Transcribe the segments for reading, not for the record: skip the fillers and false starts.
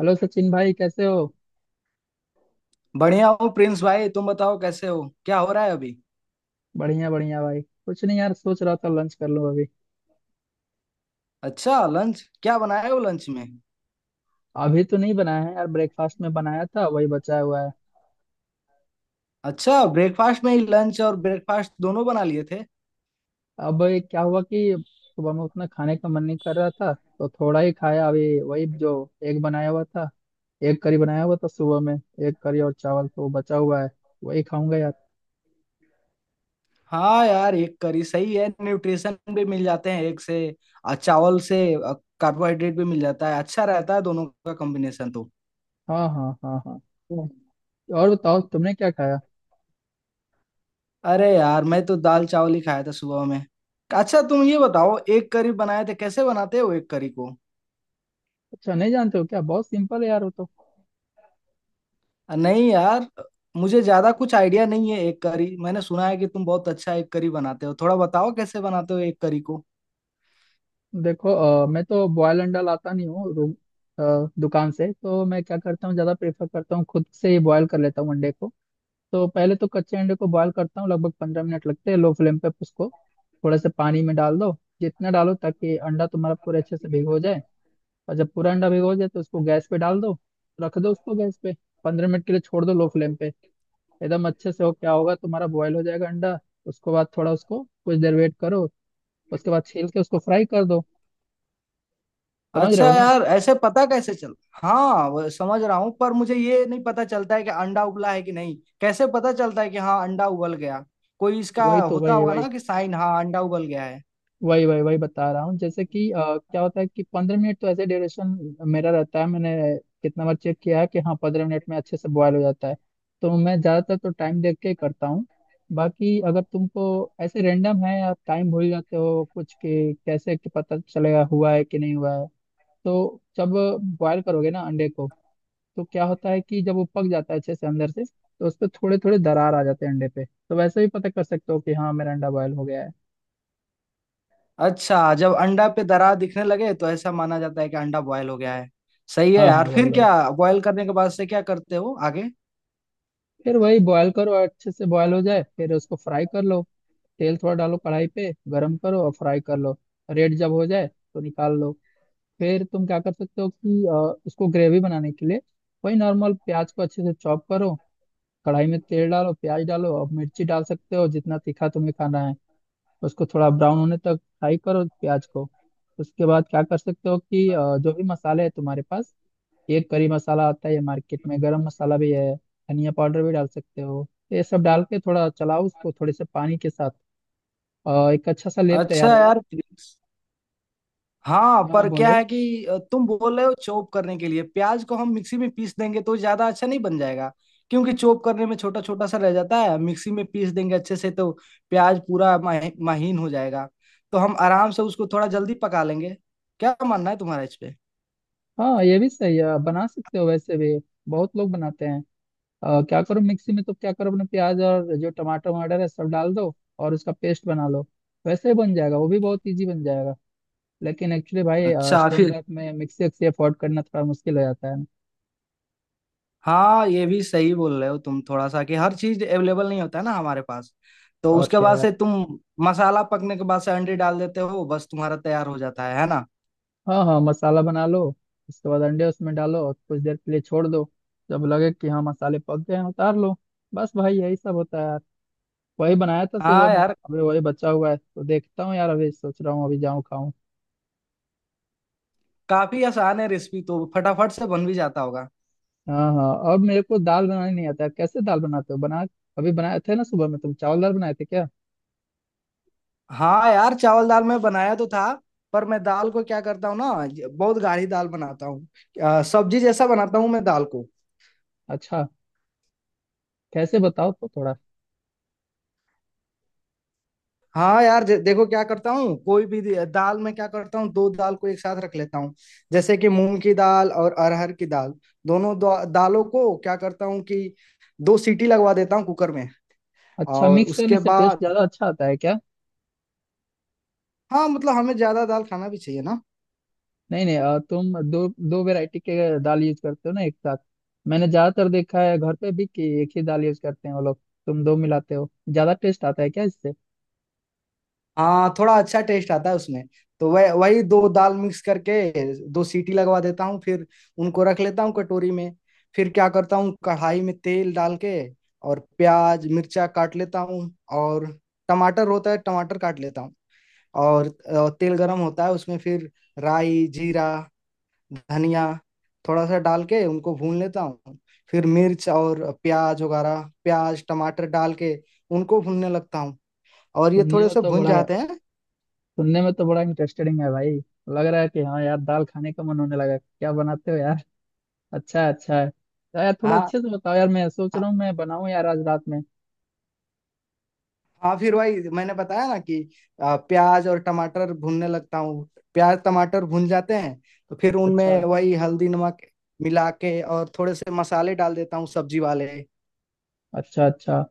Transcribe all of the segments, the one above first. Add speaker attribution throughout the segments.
Speaker 1: Hello Sachin भाई, कैसे हो?
Speaker 2: बढ़िया हूँ प्रिंस भाई, तुम बताओ कैसे हो, क्या हो रहा है अभी।
Speaker 1: बढ़िया बढ़िया भाई। कुछ नहीं यार, सोच रहा था लंच कर लूं अभी।
Speaker 2: अच्छा लंच क्या बनाए हो लंच में।
Speaker 1: अभी तो नहीं बनाया है यार। ब्रेकफास्ट में बनाया था, वही बचा हुआ है।
Speaker 2: अच्छा, ब्रेकफास्ट में ही लंच और ब्रेकफास्ट दोनों बना लिए थे।
Speaker 1: अब ये क्या हुआ कि सुबह में उतना खाने का मन नहीं कर रहा था तो थोड़ा ही खाया। अभी वही जो एग बनाया हुआ था। एग करी बनाया हुआ था सुबह में। एग करी और चावल तो बचा हुआ है, वही खाऊंगा यार।
Speaker 2: हाँ यार, एक करी सही है, न्यूट्रिशन भी मिल जाते हैं एक से और चावल से कार्बोहाइड्रेट भी मिल जाता है। अच्छा रहता है दोनों का कॉम्बिनेशन तो।
Speaker 1: हाँ, हाँ, हाँ, हाँ।
Speaker 2: हम्म।
Speaker 1: और बताओ तुमने क्या खाया?
Speaker 2: अरे यार, मैं तो दाल चावल ही खाया था सुबह में। अच्छा तुम ये बताओ, एक करी बनाए थे, कैसे बनाते हो एक करी को।
Speaker 1: अच्छा, नहीं जानते हो क्या? बहुत सिंपल है यार वो तो।
Speaker 2: नहीं यार, मुझे ज्यादा कुछ आइडिया नहीं है एक करी। मैंने सुना है कि तुम बहुत अच्छा एक करी बनाते हो, थोड़ा बताओ कैसे बनाते हो एक करी को।
Speaker 1: देखो, मैं तो बॉयल अंडा लाता नहीं हूँ रूम। दुकान से तो मैं क्या करता हूँ, ज़्यादा प्रेफर करता हूँ खुद से ही बॉयल कर लेता हूँ अंडे को। तो पहले तो कच्चे अंडे को बॉयल करता हूँ, लगभग 15 मिनट लगते हैं लो फ्लेम पे उसको। थोड़ा सा पानी में डाल दो, जितना डालो ताकि अंडा तुम्हारा पूरे अच्छे से भिगो जाए। और जब पूरा अंडा भिगो जाए तो उसको गैस पे डाल दो, रख दो उसको गैस पे। 15 मिनट के लिए छोड़ दो लो फ्लेम पे एकदम अच्छे से। हो क्या होगा, तुम्हारा बॉयल हो जाएगा अंडा। उसके बाद थोड़ा उसको कुछ देर वेट करो, उसके बाद छील के उसको फ्राई कर दो। समझ रहे
Speaker 2: अच्छा
Speaker 1: हो?
Speaker 2: यार, ऐसे पता कैसे चल। हाँ वो समझ रहा हूँ, पर मुझे ये नहीं पता चलता है कि अंडा उबला है कि नहीं। कैसे पता चलता है कि हाँ अंडा उबल गया। कोई इसका
Speaker 1: वही तो,
Speaker 2: होता
Speaker 1: वही
Speaker 2: होगा
Speaker 1: वही
Speaker 2: ना कि साइन, हाँ अंडा उबल गया है।
Speaker 1: वही वही वही बता रहा हूँ जैसे कि क्या होता है कि 15 मिनट तो ऐसे ड्यूरेशन मेरा रहता है। मैंने कितना बार चेक किया है कि हाँ, 15 मिनट में अच्छे से बॉयल हो जाता है। तो मैं ज़्यादातर तो टाइम देख के ही करता हूँ। बाकी अगर तुमको ऐसे रेंडम है, आप टाइम भूल जाते हो कुछ के, कैसे कि पता चलेगा हुआ है कि नहीं हुआ है। तो जब बॉयल करोगे ना अंडे को तो क्या होता है कि जब वो पक जाता है अच्छे से अंदर से तो उस पर थोड़े थोड़े दरार आ जाते हैं अंडे पे, तो वैसे भी पता कर सकते हो कि हाँ मेरा अंडा बॉयल हो गया है।
Speaker 2: अच्छा, जब अंडा पे दरार दिखने लगे तो ऐसा माना जाता है कि अंडा बॉयल हो गया है। सही है
Speaker 1: हाँ हाँ,
Speaker 2: यार।
Speaker 1: वही
Speaker 2: फिर
Speaker 1: वही।
Speaker 2: क्या बॉयल करने के बाद से क्या करते हो आगे।
Speaker 1: फिर वही, बॉयल करो अच्छे से, बॉयल हो जाए फिर उसको फ्राई कर लो। तेल थोड़ा डालो, कढ़ाई पे गरम करो और फ्राई कर लो। रेड जब हो जाए तो निकाल लो। फिर तुम क्या कर सकते हो कि उसको ग्रेवी बनाने के लिए वही नॉर्मल प्याज को अच्छे से चॉप करो। कढ़ाई में तेल डालो, प्याज डालो और मिर्ची डाल सकते हो जितना तीखा तुम्हें खाना है। उसको थोड़ा ब्राउन होने तक फ्राई करो प्याज को। उसके बाद क्या कर सकते हो कि जो भी मसाले है तुम्हारे पास। एक करी मसाला आता है मार्केट में, गरम मसाला भी है, धनिया पाउडर भी डाल सकते हो। तो ये सब डाल के थोड़ा चलाओ उसको थोड़े से पानी के साथ। एक अच्छा सा लेप
Speaker 2: अच्छा
Speaker 1: तैयार होगा।
Speaker 2: यार। हाँ
Speaker 1: हाँ,
Speaker 2: पर क्या
Speaker 1: बोलो।
Speaker 2: है कि तुम बोल रहे हो चॉप करने के लिए प्याज को, हम मिक्सी में पीस देंगे तो ज्यादा अच्छा नहीं बन जाएगा? क्योंकि चॉप करने में छोटा छोटा सा रह जाता है, मिक्सी में पीस देंगे अच्छे से तो प्याज पूरा महीन हो जाएगा। तो हम आराम से उसको थोड़ा जल्दी पका लेंगे। क्या मानना है तुम्हारा इस पे।
Speaker 1: हाँ, ये भी सही है, बना सकते हो वैसे भी, बहुत लोग बनाते हैं। क्या करो मिक्सी में, तो क्या करो अपने प्याज और जो टमाटर वमाटर है सब डाल दो और उसका पेस्ट बना लो। वैसे ही बन जाएगा वो भी, बहुत इजी बन जाएगा। लेकिन एक्चुअली भाई,
Speaker 2: अच्छा
Speaker 1: स्टूडेंट
Speaker 2: फिर।
Speaker 1: लाइफ में मिक्सी एक्सी अफोर्ड करना थोड़ा मुश्किल हो जाता है।
Speaker 2: हाँ, ये भी सही बोल रहे हो तुम थोड़ा सा, कि हर चीज अवेलेबल नहीं होता है ना हमारे पास। तो
Speaker 1: और
Speaker 2: उसके
Speaker 1: क्या
Speaker 2: बाद
Speaker 1: यार।
Speaker 2: से तुम मसाला पकने के बाद से अंडे डाल देते हो, बस तुम्हारा तैयार हो जाता है ना।
Speaker 1: हाँ हाँ, मसाला बना लो, उसके बाद अंडे उसमें डालो और कुछ देर के लिए छोड़ दो। जब लगे कि हाँ मसाले पक गए हैं, उतार लो। बस भाई यही सब होता है यार। वही बनाया था सुबह
Speaker 2: हाँ
Speaker 1: में,
Speaker 2: यार,
Speaker 1: अभी वही बचा हुआ है, तो देखता हूँ यार, अभी सोच रहा हूँ अभी जाऊँ खाऊं।
Speaker 2: काफी आसान है रेसिपी तो, फटाफट से बन भी जाता होगा।
Speaker 1: हाँ हाँ, और मेरे को दाल बनानी नहीं आता, कैसे दाल बनाते हो बना। अभी बनाए थे ना सुबह में, तुम चावल दाल बनाए थे क्या?
Speaker 2: हाँ यार, चावल दाल मैं बनाया तो था, पर मैं दाल को क्या करता हूँ ना, बहुत गाढ़ी दाल बनाता हूँ। सब्जी जैसा बनाता हूँ मैं दाल को।
Speaker 1: अच्छा, कैसे बताओ तो थोड़ा।
Speaker 2: हाँ यार, देखो क्या करता हूँ, कोई भी दाल में क्या करता हूँ, दो दाल को एक साथ रख लेता हूँ। जैसे कि मूंग की दाल और अरहर की दाल। दोनों दालों को क्या करता हूँ कि दो सीटी लगवा देता हूँ कुकर में।
Speaker 1: अच्छा,
Speaker 2: और
Speaker 1: मिक्स करने
Speaker 2: उसके
Speaker 1: से टेस्ट
Speaker 2: बाद।
Speaker 1: ज्यादा अच्छा आता है क्या?
Speaker 2: हाँ मतलब हमें ज्यादा दाल खाना भी चाहिए ना।
Speaker 1: नहीं नहीं, तुम दो दो वैरायटी के दाल यूज करते हो ना एक साथ। मैंने ज्यादातर देखा है घर पे भी कि एक ही दाल यूज करते हैं वो लोग। तुम दो मिलाते हो, ज्यादा टेस्ट आता है क्या इससे?
Speaker 2: हाँ, थोड़ा अच्छा टेस्ट आता है उसमें। तो वह वही दो दाल मिक्स करके दो सीटी लगवा देता हूँ, फिर उनको रख लेता हूँ कटोरी में। फिर क्या करता हूँ, कढ़ाई में तेल डाल के और प्याज मिर्चा काट लेता हूँ। और टमाटर होता है, टमाटर काट लेता हूँ। और तेल गरम होता है उसमें, फिर राई, जीरा, धनिया थोड़ा सा डाल के उनको भून लेता हूँ। फिर मिर्च और प्याज वगैरह, प्याज टमाटर डाल के उनको भूनने लगता हूँ। और ये
Speaker 1: सुनने
Speaker 2: थोड़े
Speaker 1: में
Speaker 2: से
Speaker 1: तो
Speaker 2: भुन
Speaker 1: बड़ा
Speaker 2: जाते हैं।
Speaker 1: सुनने में तो बड़ा इंटरेस्टिंग है भाई। लग रहा है कि हाँ यार, दाल खाने का मन होने लगा, क्या बनाते हो यार। अच्छा है अच्छा है, तो यार थोड़ा
Speaker 2: हाँ
Speaker 1: अच्छे से बताओ यार, मैं सोच
Speaker 2: हाँ
Speaker 1: रहा हूँ मैं बनाऊँ यार आज रात में।
Speaker 2: हाँ, फिर वही मैंने बताया ना कि प्याज और टमाटर भूनने लगता हूँ। प्याज टमाटर भून जाते हैं तो फिर
Speaker 1: अच्छा
Speaker 2: उनमें वही हल्दी नमक मिला के और थोड़े से मसाले डाल देता हूँ सब्जी वाले।
Speaker 1: अच्छा अच्छा,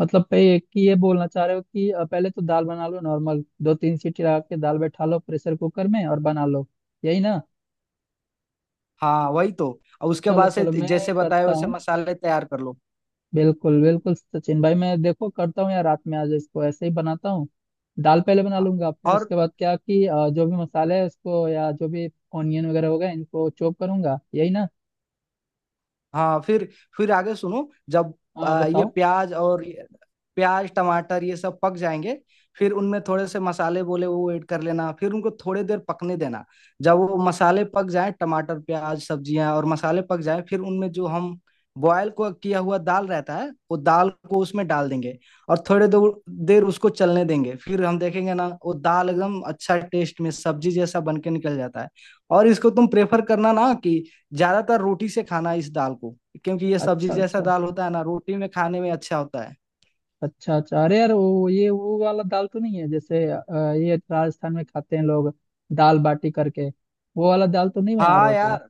Speaker 1: मतलब पे एक ही ये बोलना चाह रहे हो कि पहले तो दाल बना लो नॉर्मल, दो तीन सीटी लगा के दाल बैठा लो प्रेशर कुकर में और बना लो। यही ना?
Speaker 2: हाँ वही तो। और उसके
Speaker 1: चलो
Speaker 2: बाद से
Speaker 1: चलो, मैं
Speaker 2: जैसे बताया
Speaker 1: करता
Speaker 2: वैसे
Speaker 1: हूँ।
Speaker 2: मसाले तैयार कर लो।
Speaker 1: बिल्कुल बिल्कुल सचिन भाई, मैं देखो करता हूँ यार रात में आज, इसको ऐसे ही बनाता हूँ। दाल पहले बना
Speaker 2: हाँ,
Speaker 1: लूंगा, फिर
Speaker 2: और
Speaker 1: उसके बाद क्या कि जो भी मसाले है उसको, या जो भी ऑनियन वगैरह हो गए, इनको चॉप करूंगा। यही ना?
Speaker 2: हाँ, फिर आगे सुनो, जब
Speaker 1: हाँ,
Speaker 2: ये
Speaker 1: बताओ।
Speaker 2: प्याज और प्याज टमाटर ये सब पक जाएंगे, फिर उनमें थोड़े से मसाले बोले वो ऐड कर लेना, फिर उनको थोड़ी देर पकने देना। जब वो मसाले पक जाए, टमाटर प्याज सब्जियां और मसाले पक जाए, फिर उनमें जो हम बॉयल को किया हुआ दाल रहता है वो दाल को उसमें डाल देंगे। और थोड़े दो देर उसको चलने देंगे, फिर हम देखेंगे ना वो दाल एकदम अच्छा टेस्ट में सब्जी जैसा बन के निकल जाता है। और इसको तुम प्रेफर करना ना कि ज्यादातर रोटी से खाना इस दाल को, क्योंकि ये सब्जी
Speaker 1: अच्छा
Speaker 2: जैसा
Speaker 1: अच्छा
Speaker 2: दाल होता है ना, रोटी में खाने में अच्छा होता है।
Speaker 1: अच्छा अच्छा, अरे यार वो, ये वो वाला दाल तो नहीं है जैसे ये राजस्थान में खाते हैं लोग दाल बाटी करके, वो वाला दाल तो नहीं बना रहे
Speaker 2: हाँ
Speaker 1: हो तुम?
Speaker 2: यार।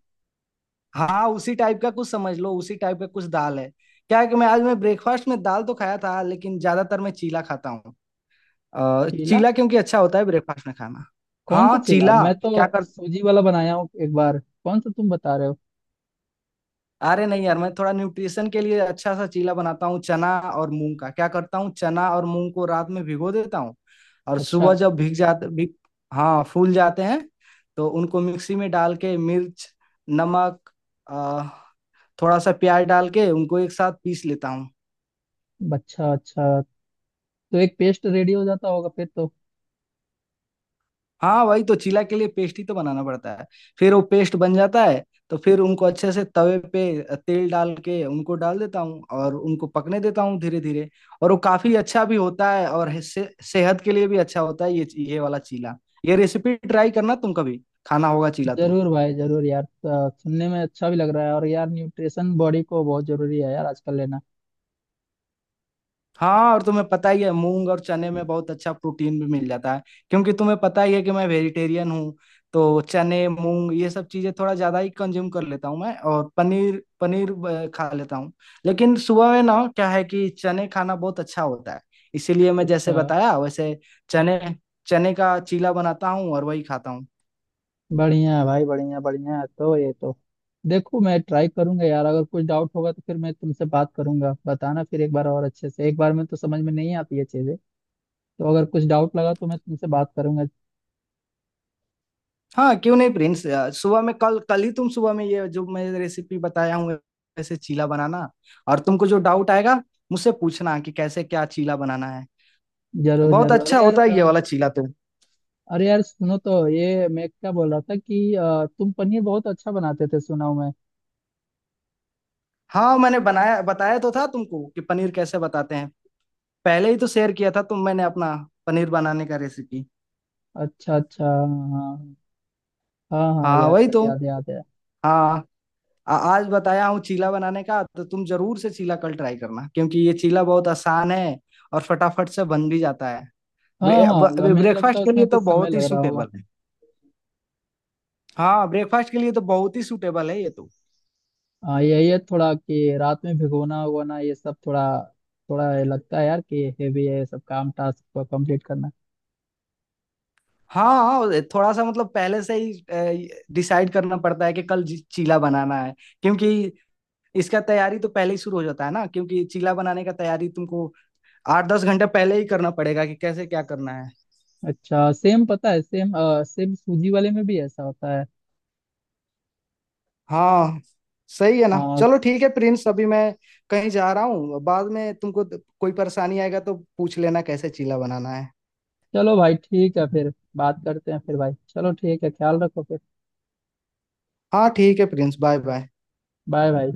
Speaker 2: हाँ उसी टाइप का कुछ समझ लो, उसी टाइप का कुछ दाल है। क्या है कि मैं आज मैं ब्रेकफास्ट में दाल तो खाया था, लेकिन ज्यादातर मैं चीला खाता हूँ।
Speaker 1: चीला?
Speaker 2: चीला क्योंकि अच्छा होता है ब्रेकफास्ट में खाना।
Speaker 1: कौन
Speaker 2: हाँ
Speaker 1: सा चीला?
Speaker 2: चीला।
Speaker 1: मैं तो
Speaker 2: क्या,
Speaker 1: सूजी वाला बनाया हूँ एक बार। कौन सा तुम बता रहे हो?
Speaker 2: अरे नहीं यार, मैं थोड़ा न्यूट्रिशन के लिए अच्छा सा चीला बनाता हूँ चना और मूंग का। क्या करता हूँ, चना और मूंग को रात में भिगो देता हूँ। और
Speaker 1: अच्छा
Speaker 2: सुबह जब भीग, हाँ फूल जाते हैं, तो उनको मिक्सी में डाल के मिर्च, नमक, अ, थोड़ा सा प्याज डाल के उनको एक साथ पीस लेता हूँ।
Speaker 1: अच्छा अच्छा, तो एक पेस्ट रेडी हो जाता होगा फिर तो।
Speaker 2: हाँ वही तो, चीला के लिए पेस्ट ही तो बनाना पड़ता है। फिर वो पेस्ट बन जाता है, तो फिर उनको अच्छे से तवे पे तेल डाल के उनको डाल देता हूँ और उनको पकने देता हूँ धीरे धीरे। और वो काफी अच्छा भी होता है, और सेहत के लिए भी अच्छा होता है ये वाला चीला। ये रेसिपी ट्राई करना तुम कभी, खाना होगा चीला तो।
Speaker 1: जरूर भाई जरूर यार, सुनने में अच्छा भी लग रहा है, और यार न्यूट्रिशन बॉडी को बहुत जरूरी है यार आजकल लेना।
Speaker 2: हाँ, और तुम्हें पता ही है मूंग और चने में बहुत अच्छा प्रोटीन भी मिल जाता है। क्योंकि तुम्हें पता ही है कि मैं वेजिटेरियन हूँ, तो चने मूंग ये सब चीजें थोड़ा ज्यादा ही कंज्यूम कर लेता हूँ मैं। और पनीर पनीर खा लेता हूँ। लेकिन सुबह में ना क्या है कि चने खाना बहुत अच्छा होता है, इसीलिए मैं
Speaker 1: अच्छा,
Speaker 2: जैसे बताया वैसे चने चने का चीला बनाता हूँ और वही खाता हूँ।
Speaker 1: बढ़िया है भाई, बढ़िया बढ़िया है। तो ये तो, देखो मैं ट्राई करूंगा यार, अगर कुछ डाउट होगा तो फिर मैं तुमसे बात करूंगा, बताना फिर एक बार और अच्छे से, एक बार में तो समझ में नहीं आती है चीजें। तो अगर कुछ डाउट लगा तो मैं तुमसे बात करूंगा।
Speaker 2: हाँ क्यों नहीं प्रिंस, सुबह में कल कल ही तुम सुबह में ये जो मैं रेसिपी बताया हूँ ऐसे चीला बनाना। और तुमको जो डाउट आएगा मुझसे पूछना कि कैसे क्या चीला बनाना है।
Speaker 1: जरूर
Speaker 2: बहुत
Speaker 1: जरूर,
Speaker 2: अच्छा
Speaker 1: अरे यार
Speaker 2: होता है ये वाला चीला तो।
Speaker 1: अरे यार सुनो, तो ये मैं क्या बोल रहा था कि तुम पनीर बहुत अच्छा बनाते थे, सुना हूं मैं।
Speaker 2: हाँ मैंने बनाया, बताया तो था तुमको कि पनीर कैसे बताते हैं। पहले ही तो शेयर किया था तुम मैंने अपना पनीर बनाने का रेसिपी।
Speaker 1: अच्छा अच्छा, हाँ। हाँ हाँ हाँ,
Speaker 2: हाँ
Speaker 1: यार
Speaker 2: वही
Speaker 1: सही,
Speaker 2: तो।
Speaker 1: याद याद है।
Speaker 2: हाँ। आज बताया हूँ चीला बनाने का, तो तुम जरूर से चीला कल ट्राई करना, क्योंकि ये चीला बहुत आसान है और फटाफट से बन भी जाता है।
Speaker 1: हाँ हाँ, हमें नहीं लगता
Speaker 2: ब्रेकफास्ट के लिए
Speaker 1: उसमें
Speaker 2: तो
Speaker 1: कुछ समय
Speaker 2: बहुत ही
Speaker 1: लग रहा होगा।
Speaker 2: सूटेबल है। हाँ ब्रेकफास्ट के लिए तो बहुत ही सूटेबल है ये तो।
Speaker 1: हाँ, यही है थोड़ा कि रात में भिगोना उगोना ये सब थोड़ा, थोड़ा ये लगता है यार कि हेवी है ये सब, काम टास्क को कंप्लीट करना।
Speaker 2: हाँ थोड़ा सा मतलब पहले से ही डिसाइड करना पड़ता है कि कल चीला बनाना है, क्योंकि इसका तैयारी तो पहले ही शुरू हो जाता है ना। क्योंकि चीला बनाने का तैयारी तुमको 8-10 घंटे पहले ही करना पड़ेगा कि कैसे क्या करना है।
Speaker 1: अच्छा, सेम पता है, सेम सेम सूजी वाले में भी ऐसा होता है।
Speaker 2: हाँ सही है ना।
Speaker 1: अ,
Speaker 2: चलो ठीक है प्रिंस, अभी मैं कहीं जा रहा हूँ, बाद में तुमको कोई परेशानी आएगा तो पूछ लेना कैसे चीला बनाना है।
Speaker 1: चलो भाई ठीक है, फिर बात करते हैं फिर भाई, चलो ठीक है, ख्याल रखो फिर।
Speaker 2: हाँ ठीक है प्रिंस, बाय बाय।
Speaker 1: बाय भाई।